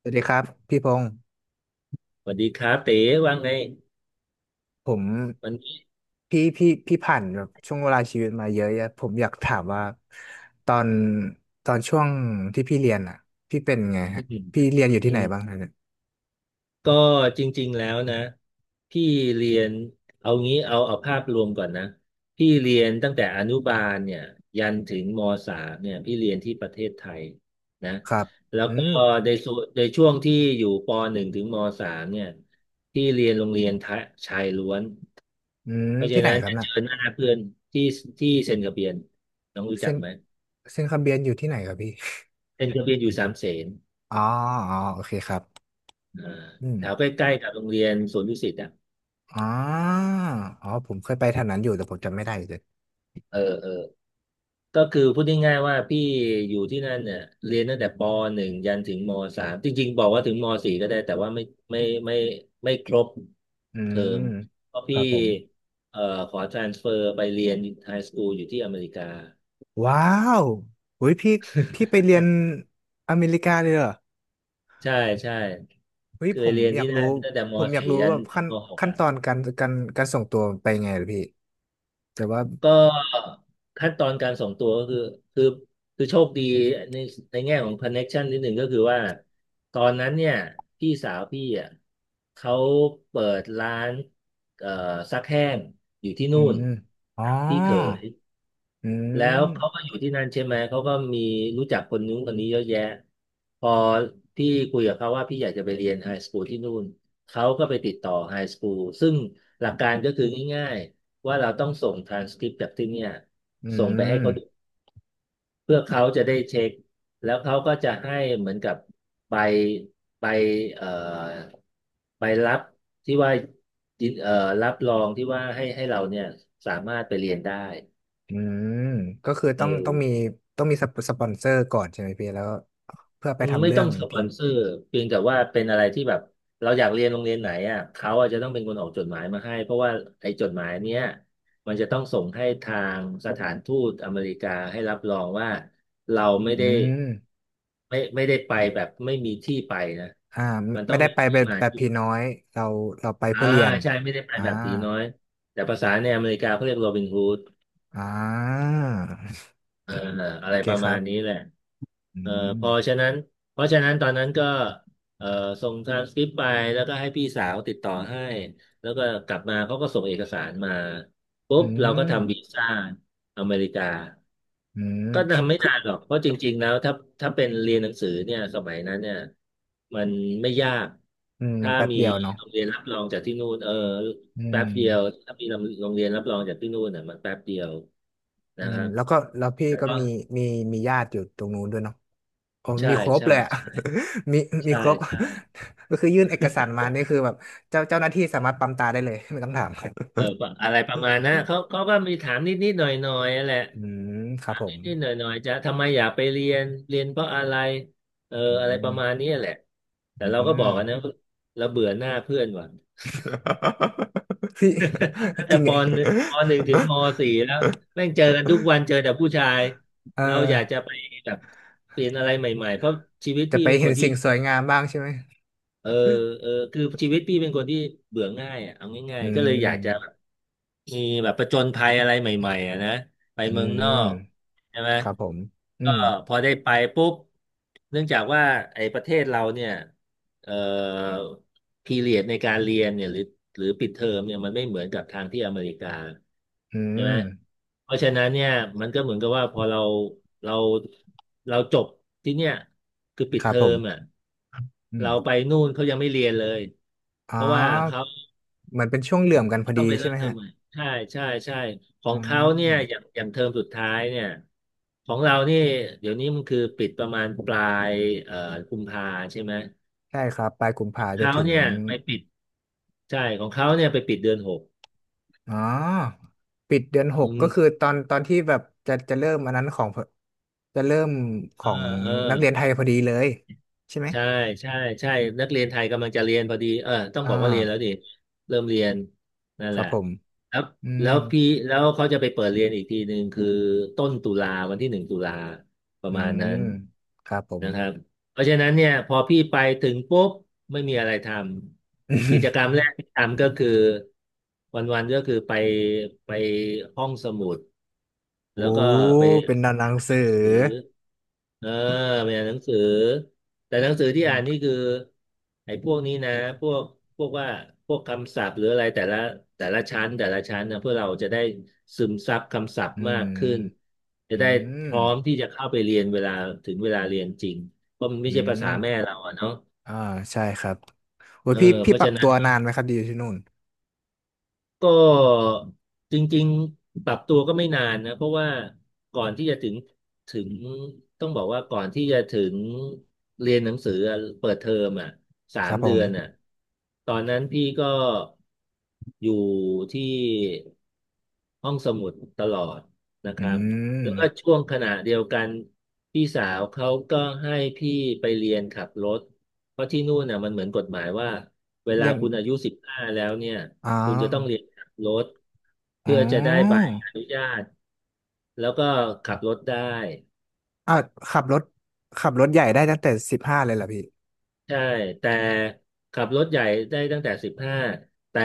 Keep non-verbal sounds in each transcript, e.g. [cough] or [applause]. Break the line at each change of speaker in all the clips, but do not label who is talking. สวัสดีครับพี่พงศ์
สวัสดีครับเต๋ว่าไง
ผม
วันนี้
พี่ผ่านแบบช่วงเวลาชีวิตมาเยอะแยะผมอยากถามว่าตอนตอนช่วงที่พี่เรียนอ่ะพี่เป็นไง
อื
ฮะ
ม
พี่เรียนอยู่
อื
ที่ไหน
ม
บ้างฮะเนี่ย
ก็จริงๆแล้วนะพี่เรียนเอางี้เอาภาพรวมก่อนนะพี่เรียนตั้งแต่อนุบาลเนี่ยยันถึงมสามเนี่ยพี่เรียนที่ประเทศไทยนะ
ครับ
แล้ว
อื
ก็
ม
ในส่วนในช่วงที่อยู่ปหนึ่งถึงมสามเนี่ยพี่เรียนโรงเรียนทะชายล้วน
อืม
เพราะฉะ
ที่ไหน
นั้น
ครับ
จะ
น่ะ
เจอหน้าเพื่อนที่ที่เซนต์กระเบียนน้องรู้จั
เส้
ก
น
ไหม
เส้นคำเบียนอยู่ที่ไหนครับพี่
เซนต์กระเบียนอยู่สามเสน
อ๋ออ๋อโอเคครับ
อ่า
อืม
แถวใกล้ๆกับโรงเรียนสวนดุสิตอ่ะ
อ๋ออ๋อผมเคยไปแถวนั้นอยู่แต่ผมจำไม่ได้เลย
เออเออก็คือพูดง่ายๆว่าพี่อยู่ที่นั่นเนี่ยเรียนตั้งแต่ปหนึ่งยันถึงมสามจริงๆบอกว่าถึงมสี่ก็ได้แต่ว่าไม่ไม่ไม่ครบ
อื
เทอ
ม
มเพราะ
ค
พี่
รับผม
เอ่อขอ transfer ไปเรียนไฮสคูลอยู่ที่อเมริกา
ว้าวอุ้ยพี่ไปเรียนอเมริกาเลยเหรอ
ใช่ใช่
เฮ้ย
เค
ผ
ย
ม
เรียน
อยาก
ที่
รู้
นั่นตั้งแต่ม
ผมอยาก
สี่
รู้
ยั
แบ
น
บ
ถึ
ขั้
ง
น
มหก
ขั้น
อ่ะ
ตอนการส่งตัวไปไงเหรอพี่แต่ว่า
ก็ขั้นตอนการส่งตัวก็คือคือโชคดีในในแง่ของคอนเน็กชันนิดหนึ่งก็คือว่าตอนนั้นเนี่ยพี่สาวพี่อ่ะเขาเปิดร้านเอ่อซักแห้งอยู่ที่
อื
นู่น
มอ๋อ
กับพี่เขย
อื
แล้ว
ม
เขาก็อยู่ที่นั่นใช่ไหม เขาก็มีรู้จักคนนู้นคนนี้เยอะแยะ พอพี่คุยกับเขาว่าพี่อยากจะไปเรียนไฮสคูลที่นู่น เขาก็ไปติดต่อไฮสคูลซึ่งหลักการก็คือง่ายๆว่าเราต้องส่งทรานสคริปต์จากที่เนี่ย
อื
ส่งไปให้เขาดู
ม
เพื่อเขาจะได้เช็คแล้วเขาก็จะให้เหมือนกับใบใบเอ่อใบรับที่ว่ายินเอ่อรับรองที่ว่าให้เราเนี่ยสามารถไปเรียนได้
อืมก็คือ
เอ
ต้องต้องมี
อ
ต้องมีสปอนเซอร์ก่อนใช่ไหมพี่แล้วเพื่อไปทำ
ไม่
เรื่อ
ต้อง
ง
สป
ที่
อนเซอร์เพียงแต่ว่าเป็นอะไรที่แบบเราอยากเรียนโรงเรียนไหนอ่ะเขาอาจจะต้องเป็นคนออกจดหมายมาให้เพราะว่าไอ้จดหมายเนี้ยมันจะต้องส่งให้ทางสถานทูตอเมริกาให้รับรองว่าเราไม่
อื
ได้
ม
ไม่ได้ไปแบบไม่มีที่ไปนะ
อ่าไม่
มันต้
ไม่
อง
ได้
มี
ไปแบ
ที่
บ
มา
แบบ
ที่
พี่น้อยเราเราไป
อ่า
เพื่อเรียน
ใช่ไม่ได้ไป
อ่า
แบบตีน้อยแต่ภาษาในอเมริกาเขาเรียกโรบินฮูด
อ่า
เอออะ
โอ
ไร
เค
ประ
ค
มา
รั
ณนี้
บ
แหละ
อื
เออ
ม
พอฉะนั้นเพราะฉะนั้นตอนนั้นก็เออส่งทรานสคริปต์ไปแล้วก็ให้พี่สาวติดต่อให้แล้วก็กลับมาเขาก็ส่งเอกสารมาปุ๊
อื
บเราก็
ม
ทำวีซ่าอเมริกา
อืม
ก็ทำไม่
คือ
นานหรอกเพราะจริงๆแล้วถ้าเป็นเรียนหนังสือเนี่ยสมัยนั้นเนี่ยมันไม่ยาก
อืมมัน
ถ้า
แป๊บ
มี
เดียวเนาะ
โรงเรียนรับรองจากที่นู่นเออ
อื
แป๊
ม
บเดียวถ้ามีโรงเรียนรับรองจากที่นู่นเนี่ยมันแป๊บเดียว
อื
นะค
ม
รับ
แล้วก็แล้วพี่
แต่
ก็
ก็
มีมีญาติอยู่ตรงนู้นด้วยเนาะโอ้
ใช่
มีครบ
ใช่
เลยอะ
ใช่
[laughs] มีมี
ใช่
ครบ
ใช่
[laughs] ก็คือยื่นเอกสารมานี่คือแบบเจ้าหน้าที่สามารถปั๊มตาได้เลยไม่ต้องถาม [laughs]
เออประอะไรประมาณนะเขาก็มีถามนิดนิดหน่อยหน่อยแหละ
อืมครั
ถา
บ
ม
ผ
นิ
ม
ดนิดหน่อยหน่อยจะทำไมอยากไปเรียนเรียนเพราะอะไรเออ
อื
อะไรประ
ม
มาณนี้แหละแต่
อื
เราก็บอกกันนะ
ม
เราเบื่อหน้าเพื่อนว่ะ
[laughs] พี่
[laughs]
[laughs]
ตั้ง
จ
แต่
ริง
ป
ไง
หนึ่งปห
[laughs]
นึ่งถึงมสี่แล้วแม่งเจอกันทุกวันเจอแต่ผู้ชาย
เอ
เรา
อ
อยากจะไปแบบเปลี่ยนอะไรใหม่ๆเพราะชีวิต
จะ
พี่
ไป
เป็นค
เห็น
นที่
สิ่งสวยงามบ้างใช่ไหม
เออเออคือชีวิตพี่เป็นคนที่เบื่อง่ายอ่ะเอาง่า
อื
ยๆก็เลยอยากจะ
ม
มีแบบประจนภัยอะไรใหม่ๆอะนะไป
อื
เมืองนอ
ม
กใช่ไหม
ครับผมอื
ก็
ม
พอได้ไปปุ๊บเนื่องจากว่าไอ้ประเทศเราเนี่ยเอ่อพีเรียดในการเรียนเนี่ยหรือปิดเทอมเนี่ยมันไม่เหมือนกับทางที่อเมริกา
อื
ใช่ไห
ม
มเพราะฉะนั้นเนี่ยมันก็เหมือนกับว่าพอเราเราจบที่เนี่ยคือปิด
ครั
เท
บ
อ
ผ
ม
ม
อ่ะ
อืม
เราไปนู่นเขายังไม่เรียนเลย
อ๋อ
เพราะว่าเขา
เหมือนเป็นช่วงเหลื่อมกันพอ
ต้
ดี
องไป
ใช่
เริ่ม
ไหม
เทอม
ฮะ
ใหม่ใช่ใช่ใช่ขอ
อื
งเขาเนี่ยอย่าง
ม
อย่างเทอมสุดท้ายเนี่ยของเรานี่เดี๋ยวนี้มันคือปิดประมาณปลายเอ่อกุมภาใช่ไหม
ใช่ครับปลายกุมภาจน
เขา
ถึง
เนี่ยไปปิดใช่ของเขาเนี่ยไปปิดเดือนหก
อ๋อปิดเดือนห
อื
กก็คือ
ม
ตอนที่แบบจะเริ่มอันนั้นของจะเริ่มข
เอ
อ
อ
ง
เออ
นักเรียนไทยพอดีเลยใช่ไหม
ใช่ใช่ใช่นักเรียนไทยกำลังจะเรียนพอดีเออต้อง
อ่า
บอกว่าเรียนแล้วดิเริ่มเรียนนั่น
ค
แห
รับ
ละ
ผม
แล้ว
อืม
เขาจะไปเปิดเรียนอีกทีหนึ่งคือต้นตุลาวันที่หนึ่งตุลาประ
อื
มาณนั้
ม
น
ครับผม
นะครับ เพราะฉะนั้นเนี่ยพอพี่ไปถึงปุ๊บไม่มีอะไรทำกิจกรรมแร
[laughs]
กที่ทำก็คือวันๆก็คือไปห้องสมุด
โอ้
แล้วก็ไป
เป็นหนั
อ่า
ง
นห
สื
นั
อ
งสือเออไปอ่านหนังสือแต่หนังสือที่
อื
อ่านนี่
ม
คือไอ้พวกนี้นะพวกพวกว่าพวกคำศัพท์หรืออะไรแต่ละชั้นแต่ละชั้นนะเพื่อเราจะได้ซึมซับคำศัพ
อื
ท์มาก
ม
ขึ้นจะ
อื
ได้
ม
พร้อมที่จะเข้าไปเรียนเวลาถึงเวลาเรียนจริง ก็ไม่
อื
ใช่ภาษา
ม
แม่เราอะเนาะ
อ่าใช่ครับโอ้ย
เออ
พี่
เพ
พี่
ราะ
ปรั
ฉะ
บ
นั้
ตั
น
วนานไหมครับดีอยู่ที่นู่น
ก็จริงๆปรับตัวก็ไม่นานนะเพราะว่าก่อนที่จะถึงต้องบอกว่าก่อนที่จะถึงเรียนหนังสืออะเปิดเทอมอ่ะสา
ครั
ม
บผ
เดื
ม
อนอ่ะตอนนั้นพี่ก็อยู่ที่ห้องสมุดตลอดนะค
อื
รับแล้วก็
ม
ช่วงขณะเดียวกันพี่สาวเขาก็ให้พี่ไปเรียนขับรถเพราะที่นู่นน่ะมันเหมือนกฎหมายว่าเวลา
เรียน
คุณอายุสิบห้าแล้วเนี่ย
อ๋อ
คุณจะต้องเรียนขับรถ
อ๋
เพื่
อ
อจะได้ใบอนุญาตแล้วก็ขับรถได้
อ่ะขับรถใหญ่ได้ตั้งแต่สิบห้าเลยเหรอพี่
ใช่แต่ขับรถใหญ่ได้ตั้งแต่สิบห้าแต่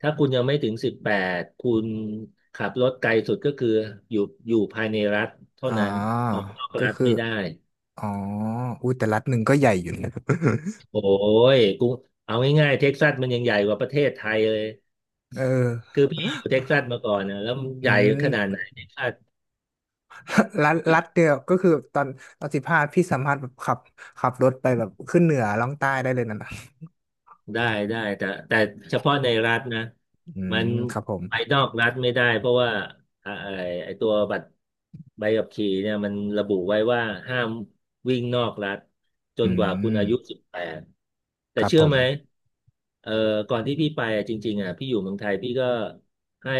ถ้าคุณยังไม่ถึงสิบแปดคุณขับรถไกลสุดก็คืออยู่อยู่ภายในรัฐเท่า
อ๋อ
นั้นออกนอก
ก็
รัฐ
คือ
ไม่ได้
อ๋ออุ้ยแต่รัฐหนึ่งก็ใหญ่อยู่นะ
โอ้ยกูเอาง่ายๆเท็กซัสมันยังใหญ่กว่าประเทศไทยเลย
[laughs] เอ
คื
อ
อพี่อยู่เท็กซัสมาก่อนนะแล้วมันให
อื
ญ่ขนาดไหน
ม [laughs] รัฐเดียวก็คือตอนสิบห้าพี่สามารถแบบขับรถไปแบบขึ้นเหนือล่องใต้ได้เลยนะนะ
ได้ได้แต่เฉพาะในรัฐนะ
อื
มั
ม
น
ครับผม
ไปนอกรัฐไม่ได้เพราะว่าอ่าไอไอตัวบัตรใบขับขี่เนี่ยมันระบุไว้ว่าห้ามวิ่งนอกรัฐจ
อื
นกว่าคุณ
ม
อายุสิบแปดแต่
ครับ
เชื่
ผ
อ
ม
ไหมเอ่อก่อนที่พี่ไปอะจริงๆอ่ะพี่อยู่เมืองไทยพี่ก็ให้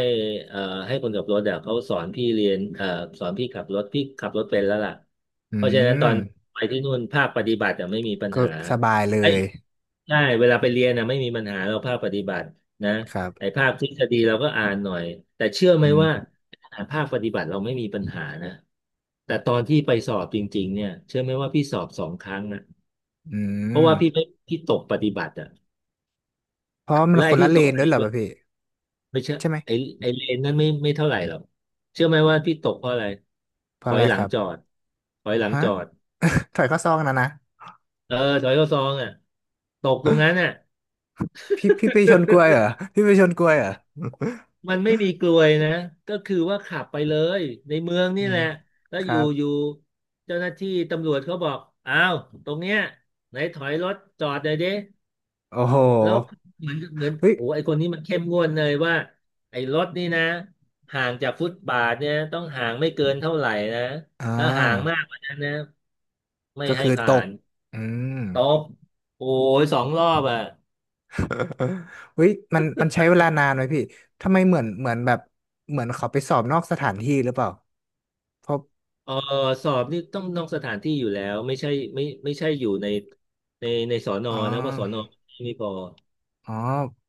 เอ่อให้คนขับรถอ่ะเขาสอนพี่เรียนเอ่อสอนพี่ขับรถพี่ขับรถเป็นแล้วล่ะ
อื
เพราะฉะนั้นตอ
ม
นไปที่นู่นภาคปฏิบัติอ่ะไม่มีปัญ
ก็
หา
สบายเล
ไอ้
ย
ใช่เวลาไปเรียนนะไม่มีปัญหาเราภาคปฏิบัตินะ
ครับ
ไอ้ภาคทฤษฎีเราก็อ่านหน่อยแต่เชื่อไหม
อื
ว่า
ม
ขนาดภาคปฏิบัติเราไม่มีปัญหานะแต่ตอนที่ไปสอบจริงๆเนี่ยเชื่อไหมว่าพี่สอบ2 ครั้งนะ
อื
เพ
ม
ราะว่าพี่ไม่พี่ตกปฏิบัติอ่ะ
เพราะมัน
และ
ค
ไอ้
นละ
ที่
เล
ตก
น
ป
ด้วย
ฏิ
เหรอ
บั
ป่ะ
ติ
พี่
ไม่เชื่อ
ใช่ไหม
ไอ้ไอ้เลนนั้นไม่เท่าไหร่หรอกเชื่อไหมว่าพี่ตกเพราะอะไร
เพ
ถ
ราะ
อ
อะ
ย
ไร
หลั
ค
ง
รั
จอ
บ
ดถอยหลัง
ฮะ
จอด
[laughs] ถอยเข้าซองนะนะ
เออถอยเข้าซองอ่ะตกตรงนั้นอ่ะ
พี่ไปชนกล้วยเหรอ
[laughs]
พี่ไปชนกล้วยเหรอ
มันไม่มีกลวยนะก็คือว่าขับไปเลยในเมือง
[laughs] อื
นี่แห
ม
ละ แล้ว
ค
อยู่
รับ
อยู่เจ้าหน้าที่ตำรวจเขาบอกอ้าวตรงเนี้ยไหนถอยรถจอดหน่อยดิ
โอ้โห
แล้วเหมือน
เฮ้ย
โอ้ไอคนนี้มันเข้มงวดเลยว่าไอรถนี่นะห่างจากฟุตบาทเนี่ยต้องห่างไม่เกินเท่าไหร่นะ
อ่า
ถ้าห่างมากกว่านั้นนะไม่
ก็
ให้
คือต
ผ่า
ก
น
อืม
ตบโอ้ย2 รอบอ่ะ
[laughs] เฮ้ยมันใช้เวลานานไหมพี่ทำไมเหมือนแบบเหมือนเขาไปสอบนอกสถานที่หรือเปล่าเพราะ
เออสอบนี่ต้องนอกสถานที่อยู่แล้วไม่ใช่ไม่ใช่อยู่ในสอนอ
อ๋อ
นะว่าะสอนอไม่พอ
อ๋อ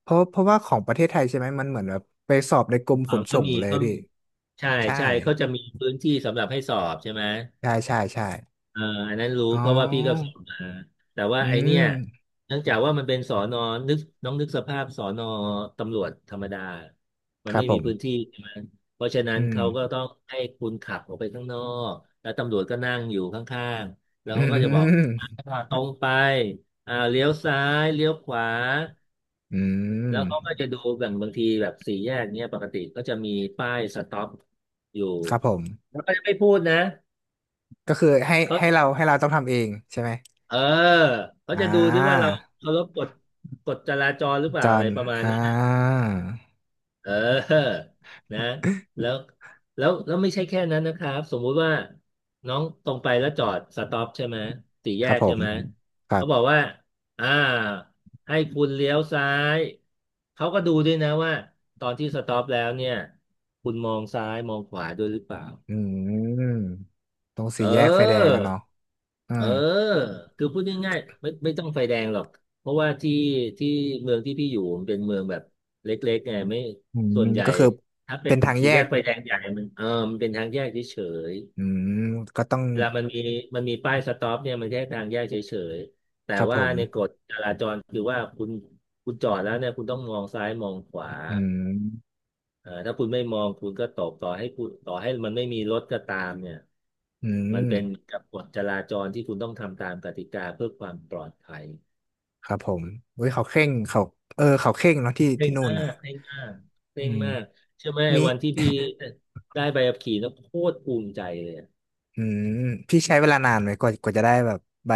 เพราะว่าของประเทศไทยใช่ไหมมันเหมือนแบบไปสอบในกรมข
อ่า
น
ก็
ส่ง
มี
เลย
ก็
พี่
มีใช่
ใช่
ใช่เขาจะมีพื้นที่สำหรับให้สอบใช่ไหม
ใช่ใช่ใช่
เอ่ออันนั้นรู้
อ๋อ
เพราะว่าพี่ก็สอบมาแต่ว่า
อื
ไอเนี่ย
ม
เนื่องจากว่ามันเป็นสอนอนึกน้องนึกสภาพสอนอตำรวจธรรมดามั
ค
น
รับ
ไม่
ผ
มี
ม
พื้นที่ใช่ไหมเพราะฉะนั้น
อืม
เขาก็ต้องให้คุณขับออกไปข้างนอกแล้วตำรวจก็นั่งอยู่ข้างๆแล้ว
อื
เขาก็จะบอก
ม
ตรงไปเลี้ยวซ้ายเลี้ยวขวา
อื
แล้
ม
วเขาก็จะดูแบ่งบางทีแบบสี่แยกเนี้ยปกติก็จะมีป้ายสต็อปอยู่
ครับผม
แล้วก็จะไม่พูดนะ
ก็คือให้
เขา
ให้เราให้เราต้องทำเองใช่ไหม
เออเขา
อ่
จะดูที่ว่าเรา
า
เคารพกฎกฎจราจรหรือเป
จ
ล่า
อ
อะไร
น
ประมาณ
อ่
นี้นะ
า
เออ [laughs] นะแล้วแล้วไม่ใช่แค่นั้นนะครับสมมุติว่าน้องตรงไปแล้วจอดสต็อปใช่ไหมสี่แย
ครับ
ก
ผ
ใช่
ม
ไหม
ครั
เขาบอก
บ
ว่าอ่าให้คุณเลี้ยวซ้ายเขาก็ดูด้วยนะว่าตอนที่สต็อปแล้วเนี่ยคุณมองซ้ายมองขวาด้วยหรือเปล่า
อืมตรงสี่
เอ
แยกไฟแดง
อ
อะเนาะอ่า
เออคือพูดง่ายๆไม่ต้องไฟแดงหรอกเพราะว่าที่เมืองที่พี่อยู่มันเป็นเมืองแบบเล็กๆไงไม่
อืม
ส่วนใหญ่
ก็คือ
ถ้าเป็
เป็
น
นทาง
สี่
แย
แย
ก
กไฟแดงใหญ่มันเออมันเป็นทางแยกเฉย
อืมก็ต้อง
ๆเวลามันมีป้ายสต็อปเนี่ยมันแค่ทางแยกเฉยๆแต่
ครับผ
ว่า
ม
ในกฎจราจรคือว่าคุณจอดแล้วเนี่ยคุณต้องมองซ้ายมองขวา
อืม
ถ้าคุณไม่มองคุณก็ตกต่อให้คุณต่อให้มันไม่มีรถก็ตามเนี่ย
อื
มั
ม
นเป็นกับกฎจราจรที่คุณต้องทำตามกติกาเพื่อความปลอดภัย
ครับผมเว้ยเขาเคร่งเขาเออเขาเคร่งเนาะที่
เคร่
ที่
ง
นู่น
มา
อ่ะ
กเคร่งมากเค
อื
ร่ง
ม
มากเชื่อไหมไอ้
มี
วันที่พี่ได้ใบขับขี่แล้วโคตรภูมิใจเลยอะ
อืมพี่ใช้เวลานานไหม กว่าจะได้แบบใบ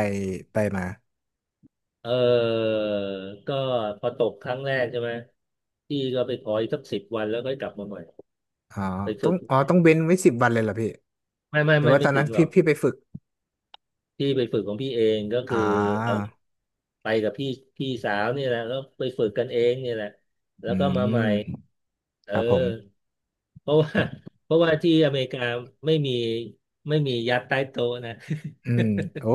ใบมา
เออก็พอตกครั้งแรกใช่ไหมพี่ก็ไปขออีกสัก10 วันแล้วก็กลับมาใหม่
อ๋อ
ไป
ต้อ
ฝึ
ง
ก
อ๋อ ต้องเว้นไว้สิบวันเลยเหรอพี่
ไม่ไม่
แต่
ไม่
ว่าต
ไม่
อน
ถึ
นั้น
งหร
พี่
อก
พี่ไปฝึก
พี่ไปฝึกของพี่เองก็คือ
อ่า
เอาไปกับพี่พี่สาวนี่แหละแล้วไปฝึกกันเองนี่แหละแล้
อื
วก็มาใหม่
ม
เอ
ครับผ
อ
ม
เพราะว่า [laughs] เพราะว่าที่อเมริกาไม่มีไม่มียัดใต้โต๊ะนะ [laughs]
อืมโอ้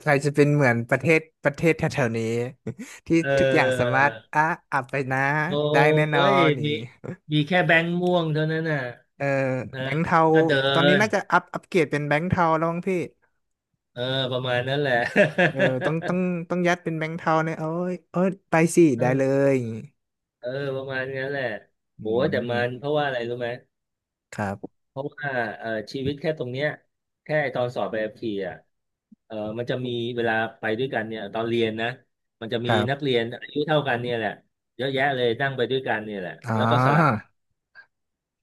ไทยจะเป็นเหมือนประเทศแถวๆนี้ [laughs] ที่
เ
ทุกอย่างสา
ออ
มารถอ่ะอับไปนะ
โอ้
ได้แน่นอ
ย
นอย่าง
มี
นี้
มีแค่แบงค์ม่วงเท่านั้นน่ะ
เออ
นะ
แบงค์เทา
ก็เดิ
ตอนนี้
น
น่าจะอัปเกรดเป็นแบงค์เทาแล้วมั้งพี่
เออประมาณนั้นแหละ
เออต้องยัดเป็นแบงค์เทาเนี่ยโอ้ยโอ้ยไปสิ
[laughs] เอ
ได้เล
อ
ยอย่างงี้
เออประมาณนั้นแหละ
อื
โหแต่มันเพ
ม
ราะว่าอะไรรู้ไหม
ครับ
เพราะว่าชีวิตแค่ตรงเนี้ยแค่ตอนสอบใบขับขี่อ่ะมันจะมีเวลาไปด้วยกันเนี่ยตอนเรียนนะมันจะ
ค
มี
รั
นัก
บ
เรียนอายุเท่ากันเนี่ยแหละเยอะแยะเลยนั่งไปด้วยกันเนี่ยแหละ
อ๋
แล้วก็สลับ
อ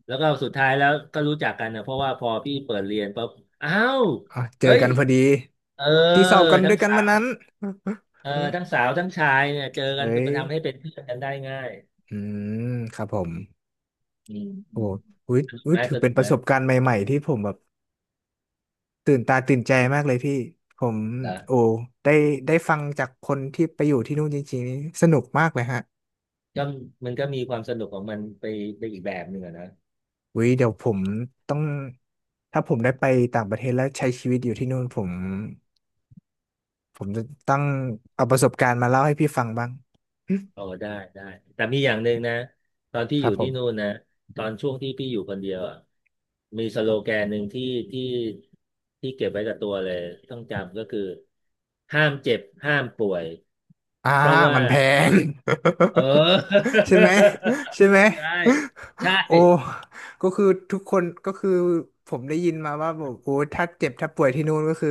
แล้วก็สุดท้ายแล้วก็รู้จักกันนะเพราะว่าพอพี่เปิดเรียนปุ๊บอ้าว
อ๋อเจอ
เฮ้ย
กันพอดี
เออ
ที่สอบกัน
ทั้
ด้ว
ง
ยกัน
สา
วัน
ว
นั้น [laughs]
เออทั้งสาวทั้งชายเนี่ยเจอกั
เฮ้
นก็
ย
มันทำให้เป็นเพื่อนกันได้ง่าย
อืมครับผม
อืม
โอ้
อืม
อุ้ย
สนุก
อุ้ย
ไหม
ถือ
ส
เป็
นุ
น
ก
ป
ไหม
ระสบการณ์ใหม่ๆที่ผมแบบตื่นตาตื่นใจมากเลยพี่ผมโอ้
นะ
ได้ได้ฟังจากคนที่ไปอยู่ที่นู่นจริงๆนี่สนุกมากเลยฮะ
ก็มันก็มีความสนุกของมันไปไปอีกแบบหนึ่งอะนะ
วิเดี๋ยวผมต้องถ้าผมได้ไปต่างประเทศแล้วใช้ชีวิตอยู่ที่นู่นผมจะต้องเอาประสบการณ์มาเล่าให้พี่ฟังบ้างอืม
อ๋อได้ได้แต่มีอย่างหนึ่งนะตอนที่
ค
อ
รับ
ยู่
ผ
ที่นู่น
ม
นะตอนช่วงที่พี่อยู่คนเดียวอะมีสโลแกนหนึ่งที่ที่เก็บไว้กับตัวเลยต้องจำก็คือห้ามเจ็บห้ามป่วย
อ่า
เพราะว่า
มันแพง
เออ
[laughs] ใช่ไหมใช่ไหม
[laughs] ใช่ใช่
โอ้ก็คือทุกคนก็คือผมได้ยินมาว่าบอกโอ้ถ้าเจ็บถ้าป่วยที่นู่นก็คือ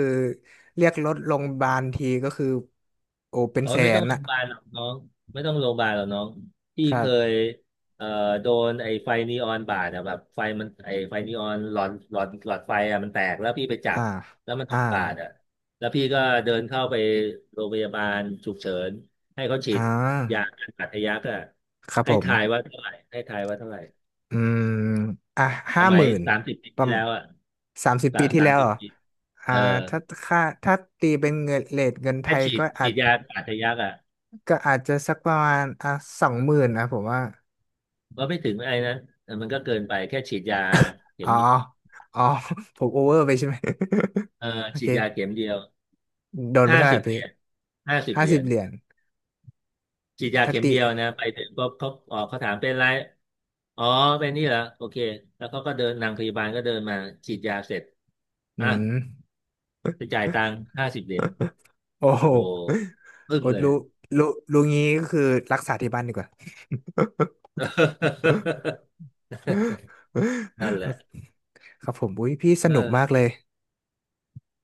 เรียกรถโรงพยาบาลทีก็คือโอ้เป็น
เออ
แส
ไม่ต้อ
น
งโร
อะ
งพยาบาลหรอกน้องไม่ต้องโรงพยาบาลหรอกน้องพี่
ครั
เคย
บ
เอ่อโดนไอ้ไฟนีออนบาดอะแบบไฟมันไอ้ไฟนีออนหลอดไฟอะมันแตกแล้วพี่ไปจั
อ่า
บแล้วมัน
อ่า
บาดอะแล้วพี่ก็เดินเข้าไปโรงพยาบาลฉุกเฉินให้เขาฉี
อ่
ดยา
า
กันบาดทะยักอะ
ครับผ
ให้ทาย
ม
ว่าเท่าไหร่ให้ทายว่าเท่าไหร่
อืมอ่ะ
ส
ห้า
มั
ห
ย
มื่น
สามสิบปี
ประ
ที่
มา
แล้
ณ
วอะ
สามสิบปีที่
สา
แล้
ม
ว
สิ
เห
บ
รอ
ปี
อ่า
เออ
ถ้าค่าถ้าตีเป็นเงินเรทเงินไท
แค่
ยก็อา
ฉี
จ
ดยากันบาดทะยักอะ
ก็อาจจะสักประมาณอ่ะสองหมื่นนะผมว่า
ว่าไม่ถึงไอ้นะเออมันก็เกินไปแค่ฉีดยาเข็
อ๋อ
ม
อ๋อ [laughs] ผมโอเวอร์ไปใช่ไหม [laughs]
เออ
โอ
ฉี
เค
ดยาเข็มเดียว
โดนไป
ห้า
เท่าไห
สิ
ร่
บเห
พี่
รียญห้าสิบ
ห้า
เหรี
สิ
ย
บ
ญ
เหรียญ
ฉีดยา
ถ้า
เข็ม
ติ
เดียวนะไปถึงก็เขาอ๋อเขาถามเป็นไรอ๋อเป็นนี่เหรอโอเคแล้วเขาก็เดินนางพยาบาลก็เดินมาฉีดยาเสร็จ
อื
อ่ะ
ม
ไปจ่ายตังค์ห้าสิบเหรียญ
[laughs] โอ้โห
โอ้โหอึ้ง
โอ้
เลย
รู้รู้งี้ก็คือรักษาที่บ้านดีกว่า
[laughs]
[laughs]
นั่นแหละ
ครับผมอุ้ยพี่ส
เออ
นุกมากเลย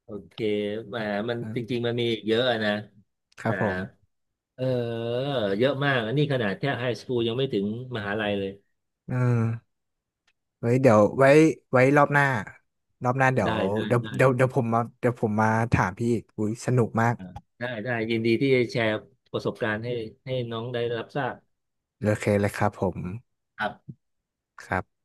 โอเคแหมมันจริ
นะ
งๆมันมีอีกเยอะอะนะ
ครั
แต่
บผม
เออเยอะมากอันนี้ขนาดแค่ไฮสคูลยังไม่ถึงมหาลัยเลย
เออไว้เดี๋ยวไว้รอบหน้ารอบหน้าเดี๋ยว
ได้ได้
เดี๋ยว
ได้
เดี๋ยวเดี๋ยวผมมาถามพี่อีกอุ้ยสนุกมาก
อ่าได้ได้ยินดีที่จะแชร์ประสบการณ์ให้ให้น้องได้รับทราบ
โอเคเลยครับผม
ครับ
ครับ